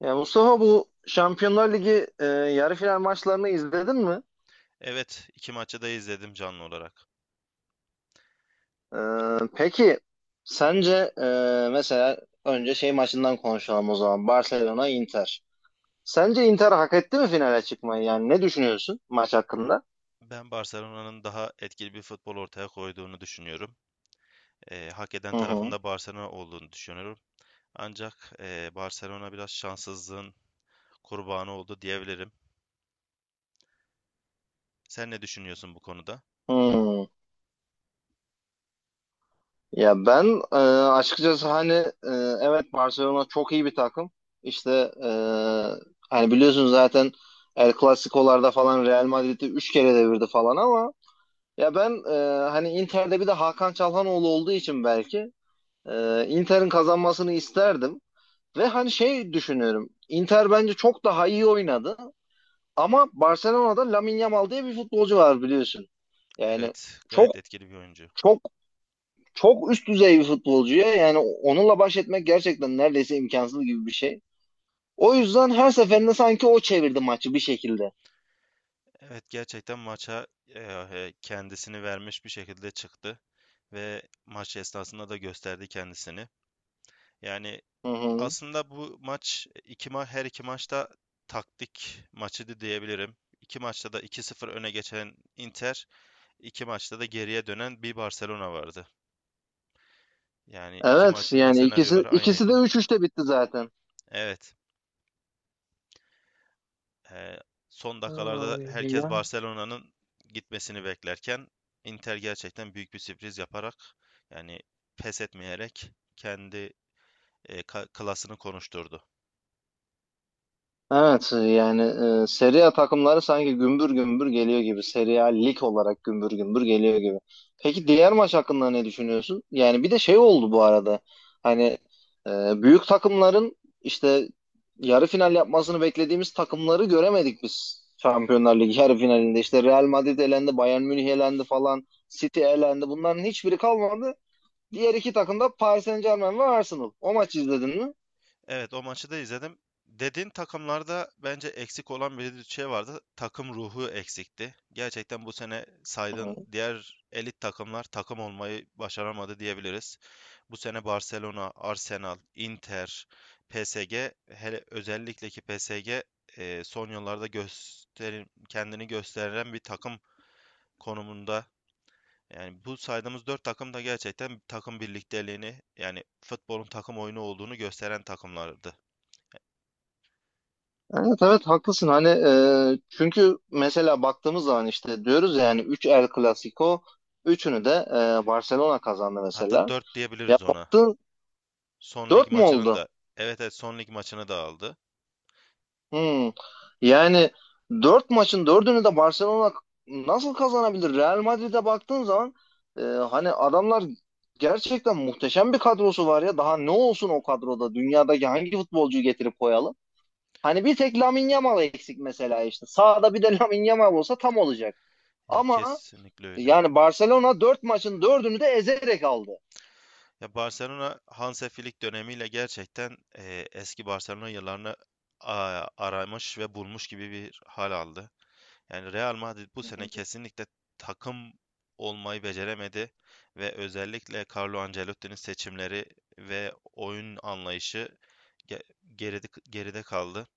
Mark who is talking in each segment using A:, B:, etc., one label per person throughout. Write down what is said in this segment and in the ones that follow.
A: Ya Mustafa, bu Şampiyonlar Ligi yarı final maçlarını izledin mi?
B: Evet, iki maçı da izledim canlı olarak.
A: E, peki sence, mesela önce şey maçından konuşalım o zaman. Barcelona Inter. Sence Inter hak etti mi finale çıkmayı? Yani ne düşünüyorsun maç hakkında?
B: Ben Barcelona'nın daha etkili bir futbol ortaya koyduğunu düşünüyorum. Hak eden
A: Hı hı.
B: tarafında Barcelona olduğunu düşünüyorum. Ancak Barcelona biraz şanssızlığın kurbanı oldu diyebilirim. Sen ne düşünüyorsun bu konuda?
A: Hmm. Ya ben, açıkçası hani, evet Barcelona çok iyi bir takım. İşte, e, hani biliyorsunuz zaten El Clasico'larda falan Real Madrid'i 3 kere devirdi falan ama ya ben, hani Inter'de bir de Hakan Çalhanoğlu olduğu için belki Inter'in kazanmasını isterdim. Ve hani şey düşünüyorum. Inter bence çok daha iyi oynadı. Ama Barcelona'da Lamine Yamal diye bir futbolcu var biliyorsun. Yani
B: Evet,
A: çok
B: gayet etkili bir oyuncu.
A: çok çok üst düzey bir futbolcu ya. Yani onunla baş etmek gerçekten neredeyse imkansız gibi bir şey. O yüzden her seferinde sanki o çevirdi maçı bir şekilde.
B: Evet, gerçekten maça kendisini vermiş bir şekilde çıktı ve maç esnasında da gösterdi kendisini. Yani
A: Hı hı.
B: aslında bu maç iki ma her iki maçta taktik maçıydı diyebilirim. İki maçta da iki sıfır öne geçen Inter, iki maçta da geriye dönen bir Barcelona vardı. Yani iki
A: Evet
B: maçın da
A: yani ikisi
B: senaryoları
A: ikisi de
B: aynıydı.
A: 3-3'te bitti zaten.
B: Evet, eee, son dakikalarda
A: Ay,
B: herkes
A: ya.
B: Barcelona'nın gitmesini beklerken Inter gerçekten büyük bir sürpriz yaparak yani pes etmeyerek kendi klasını konuşturdu.
A: Evet yani, Serie A takımları sanki gümbür gümbür geliyor gibi. Serie A lig olarak gümbür gümbür geliyor gibi. Peki diğer maç hakkında ne düşünüyorsun? Yani bir de şey oldu bu arada. Hani, büyük takımların işte yarı final yapmasını beklediğimiz takımları göremedik biz. Şampiyonlar Ligi yarı finalinde işte Real Madrid elendi, Bayern Münih elendi falan, City elendi. Bunların hiçbiri kalmadı. Diğer iki takım da Paris Saint-Germain ve Arsenal. O maçı izledin mi?
B: Evet, o maçı da izledim. Dediğin takımlarda bence eksik olan bir şey vardı. Takım ruhu eksikti. Gerçekten bu sene saydığın diğer elit takımlar takım olmayı başaramadı diyebiliriz. Bu sene Barcelona, Arsenal, Inter, PSG, hele özellikle ki PSG son yıllarda gösterim, kendini gösteren bir takım konumunda. Yani bu saydığımız dört takım da gerçekten takım birlikteliğini yani futbolun takım oyunu olduğunu gösteren takımlardı.
A: Evet evet, haklısın hani, çünkü mesela baktığımız zaman işte diyoruz ya, yani 3 El Clasico, üçünü de Barcelona kazandı
B: Hatta
A: mesela.
B: 4
A: Ya
B: diyebiliriz ona.
A: baktın,
B: Son lig
A: 4 mü
B: maçının
A: oldu?
B: da. Evet, evet, son lig maçını da aldı.
A: Hmm. Yani 4 maçın dördünü de Barcelona nasıl kazanabilir? Real Madrid'e baktığın zaman, hani adamlar gerçekten muhteşem bir kadrosu var ya, daha ne olsun o kadroda, dünyadaki hangi futbolcuyu getirip koyalım? Hani bir tek Lamine Yamal eksik mesela işte. Sağda bir de Lamine Yamal olsa tam olacak.
B: Ya
A: Ama
B: kesinlikle öyle.
A: yani Barcelona 4 maçın dördünü de ezerek aldı.
B: Ya Barcelona Hansi Flick dönemiyle gerçekten eski Barcelona yıllarını aramış ve bulmuş gibi bir hal aldı. Yani Real Madrid bu
A: Hı
B: sene
A: hı.
B: kesinlikle takım olmayı beceremedi ve özellikle Carlo Ancelotti'nin seçimleri ve oyun anlayışı ge- geride kaldı.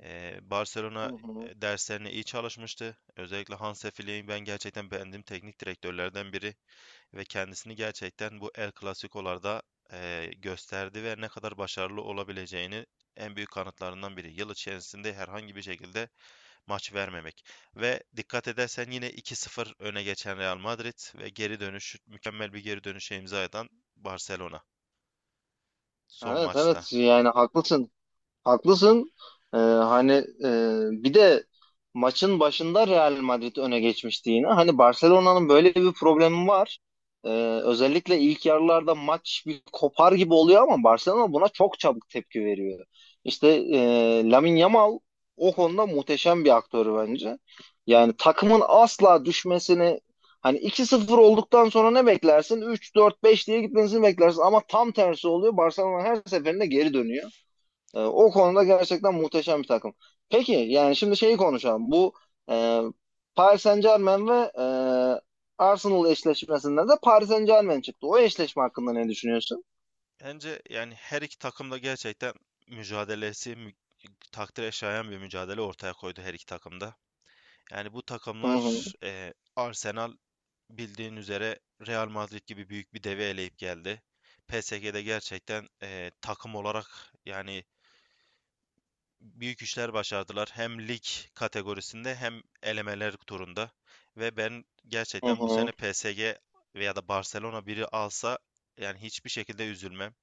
A: Hı
B: Barcelona
A: hı.
B: derslerine iyi çalışmıştı. Özellikle Hansi Flick'i ben gerçekten beğendiğim teknik direktörlerden biri ve kendisini gerçekten bu El Clasico'larda gösterdi ve ne kadar başarılı olabileceğini en büyük kanıtlarından biri. Yıl içerisinde herhangi bir şekilde maç vermemek. Ve dikkat edersen yine 2-0 öne geçen Real Madrid ve geri dönüş, mükemmel bir geri dönüşe imza atan Barcelona son
A: Evet
B: maçta.
A: evet yani haklısın. Haklısın. Hani, e, bir de maçın başında Real Madrid öne geçmişti yine. Hani Barcelona'nın böyle bir problemi var. Ee, Özellikle ilk yarılarda maç bir kopar gibi oluyor ama Barcelona buna çok çabuk tepki veriyor. İşte, Lamine Yamal o konuda muhteşem bir aktör bence. Yani takımın asla düşmesini, hani 2-0 olduktan sonra ne beklersin? Üç, dört, beş diye gitmesini beklersin ama tam tersi oluyor. Barcelona her seferinde geri dönüyor. O konuda gerçekten muhteşem bir takım. Peki yani şimdi şeyi konuşalım. Bu e, Paris Saint-Germain ve Arsenal eşleşmesinden de Paris Saint-Germain çıktı. O eşleşme hakkında ne düşünüyorsun?
B: Bence yani her iki takım da gerçekten mücadelesi mü- takdire şayan bir mücadele ortaya koydu her iki takımda. Yani bu
A: Hı hı,
B: takımlar Arsenal bildiğin üzere Real Madrid gibi büyük bir devi eleyip geldi. PSG'de gerçekten takım olarak yani büyük işler başardılar. Hem lig kategorisinde hem elemeler turunda. Ve ben
A: hı
B: gerçekten bu
A: hı,
B: sene PSG veya da Barcelona biri alsa yani hiçbir şekilde üzülmem.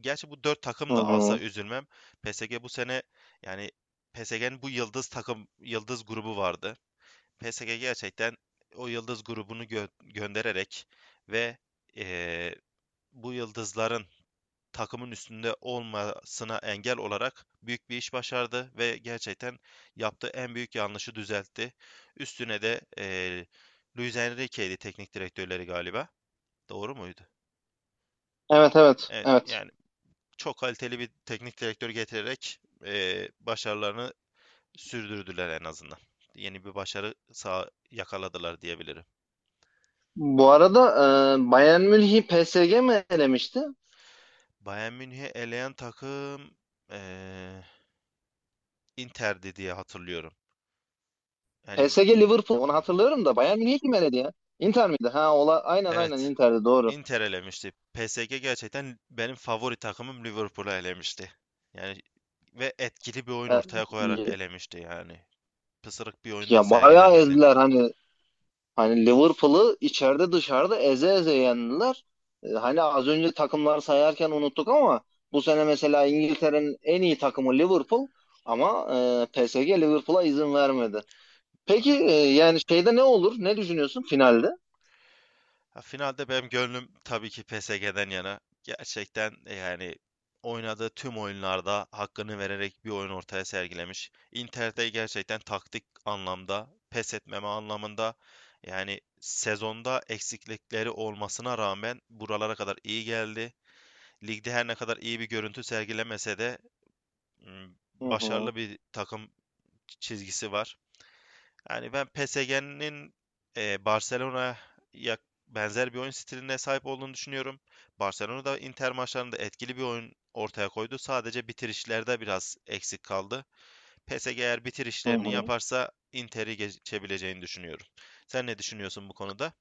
B: Gerçi bu dört
A: hı
B: takım da
A: hı.
B: alsa üzülmem. PSG bu sene yani PSG'nin bu yıldız takım yıldız grubu vardı. PSG gerçekten o yıldız grubunu göndererek ve eee, bu yıldızların takımın üstünde olmasına engel olarak büyük bir iş başardı ve gerçekten yaptığı en büyük yanlışı düzeltti. Üstüne de Luis Enrique'ydi teknik direktörleri galiba. Doğru muydu?
A: Evet evet
B: Evet,
A: evet.
B: yani çok kaliteli bir teknik direktör getirerek başarılarını sürdürdüler en azından. Yeni bir başarı sağ yakaladılar diyebilirim.
A: Bu arada, Bayern Münih'i PSG mi elemişti?
B: Bayern Münih'i eleyen takım eee Inter'di diye hatırlıyorum. Yani
A: PSG Liverpool, onu hatırlıyorum da Bayern Münih'i kim eledi ya? Inter miydi? Ha, ola aynen aynen
B: evet,
A: Inter'di, doğru.
B: Inter elemişti. PSG gerçekten benim favori takımım Liverpool'u elemişti. Yani ve etkili bir oyun
A: E,
B: ortaya koyarak elemişti yani. Pısırık bir oyunda
A: Ya bayağı
B: sergilemedi.
A: ezdiler hani Liverpool'ı içeride dışarıda eze eze yendiler. Hani az önce takımlar sayarken unuttuk ama bu sene mesela İngiltere'nin en iyi takımı Liverpool, ama PSG Liverpool'a izin vermedi. Peki yani şeyde ne olur? Ne düşünüyorsun finalde?
B: Ha, finalde benim gönlüm tabii ki PSG'den yana. Gerçekten yani oynadığı tüm oyunlarda hakkını vererek bir oyun ortaya sergilemiş. Inter'de gerçekten taktik anlamda, pes etmeme anlamında yani sezonda eksiklikleri olmasına rağmen buralara kadar iyi geldi. Ligde her ne kadar iyi bir görüntü sergilemese de m,
A: Hı hı.
B: başarılı bir takım çizgisi var. Yani ben PSG'nin Barcelona'ya benzer bir oyun stiline sahip olduğunu düşünüyorum. Barcelona da Inter maçlarında etkili bir oyun ortaya koydu. Sadece bitirişlerde biraz eksik kaldı. PSG eğer
A: Hı
B: bitirişlerini
A: hı.
B: yaparsa Inter'i geçebileceğini düşünüyorum. Sen ne düşünüyorsun bu konuda?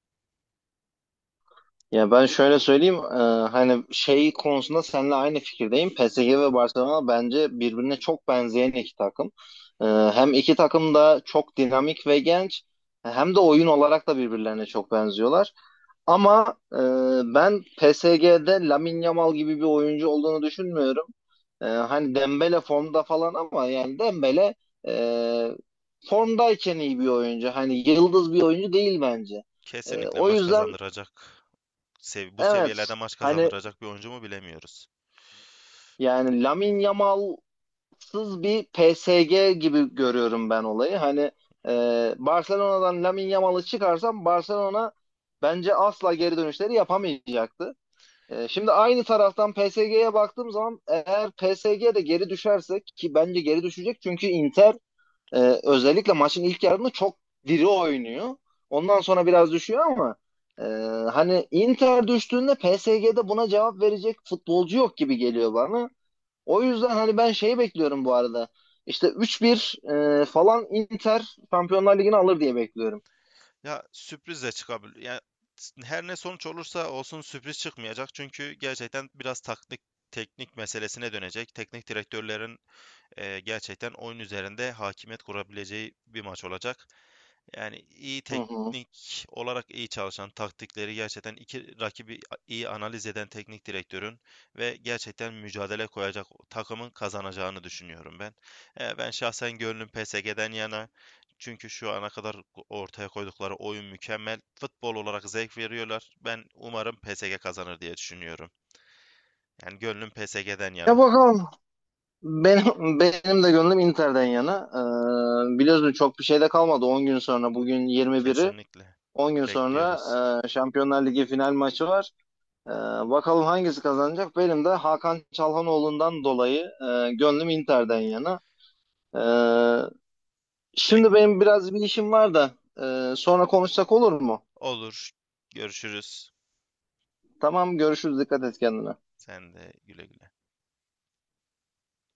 A: Ya ben şöyle söyleyeyim, hani şey konusunda seninle aynı fikirdeyim. PSG ve Barcelona bence birbirine çok benzeyen iki takım. Hem iki takım da çok dinamik ve genç, hem de oyun olarak da birbirlerine çok benziyorlar. Ama ben PSG'de Lamine Yamal gibi bir oyuncu olduğunu düşünmüyorum. Hani Dembele formda falan ama yani Dembele e, formdayken iyi bir oyuncu. Hani yıldız bir oyuncu değil bence.
B: Kesinlikle
A: O
B: maç
A: yüzden
B: kazandıracak. Bu
A: evet.
B: seviyelerde maç
A: Hani
B: kazandıracak bir oyuncu mu bilemiyoruz.
A: yani Lamine Yamal'sız bir PSG gibi görüyorum ben olayı. Hani, Barcelona'dan Lamine Yamal'ı çıkarsam Barcelona bence asla geri dönüşleri yapamayacaktı. Şimdi aynı taraftan PSG'ye baktığım zaman, eğer PSG de geri düşerse, ki bence geri düşecek, çünkü Inter e, özellikle maçın ilk yarısında çok diri oynuyor. Ondan sonra biraz düşüyor ama, e, hani Inter düştüğünde PSG'de buna cevap verecek futbolcu yok gibi geliyor bana. O yüzden hani ben şeyi bekliyorum bu arada. İşte 3-1 falan Inter Şampiyonlar Ligi'ni alır diye bekliyorum.
B: Ya sürpriz de çıkabilir. Yani her ne sonuç olursa olsun sürpriz çıkmayacak. Çünkü gerçekten biraz taktik teknik meselesine dönecek. Teknik direktörlerin gerçekten oyun üzerinde hakimiyet kurabileceği bir maç olacak. Yani iyi
A: Hı hı.
B: teknik olarak iyi çalışan, taktikleri gerçekten iki rakibi iyi analiz eden teknik direktörün ve gerçekten mücadele koyacak takımın kazanacağını düşünüyorum ben. E, ben şahsen gönlüm PSG'den yana. Çünkü şu ana kadar ortaya koydukları oyun mükemmel. Futbol olarak zevk veriyorlar. Ben umarım PSG kazanır diye düşünüyorum. Yani gönlüm PSG'den
A: Ya
B: yana.
A: bakalım. Benim de gönlüm Inter'den yana. Biliyorsun çok bir şey de kalmadı. 10 gün sonra, bugün 21'i.
B: Kesinlikle.
A: 10 gün sonra
B: Bekliyoruz.
A: Şampiyonlar Ligi final maçı var. Ee, Bakalım hangisi kazanacak? Benim de Hakan Çalhanoğlu'ndan dolayı gönlüm Inter'den yana. Ee,
B: Bek
A: Şimdi benim biraz bir işim var da sonra konuşsak olur mu?
B: olur. Görüşürüz.
A: Tamam, görüşürüz. Dikkat et kendine.
B: Sen de güle güle.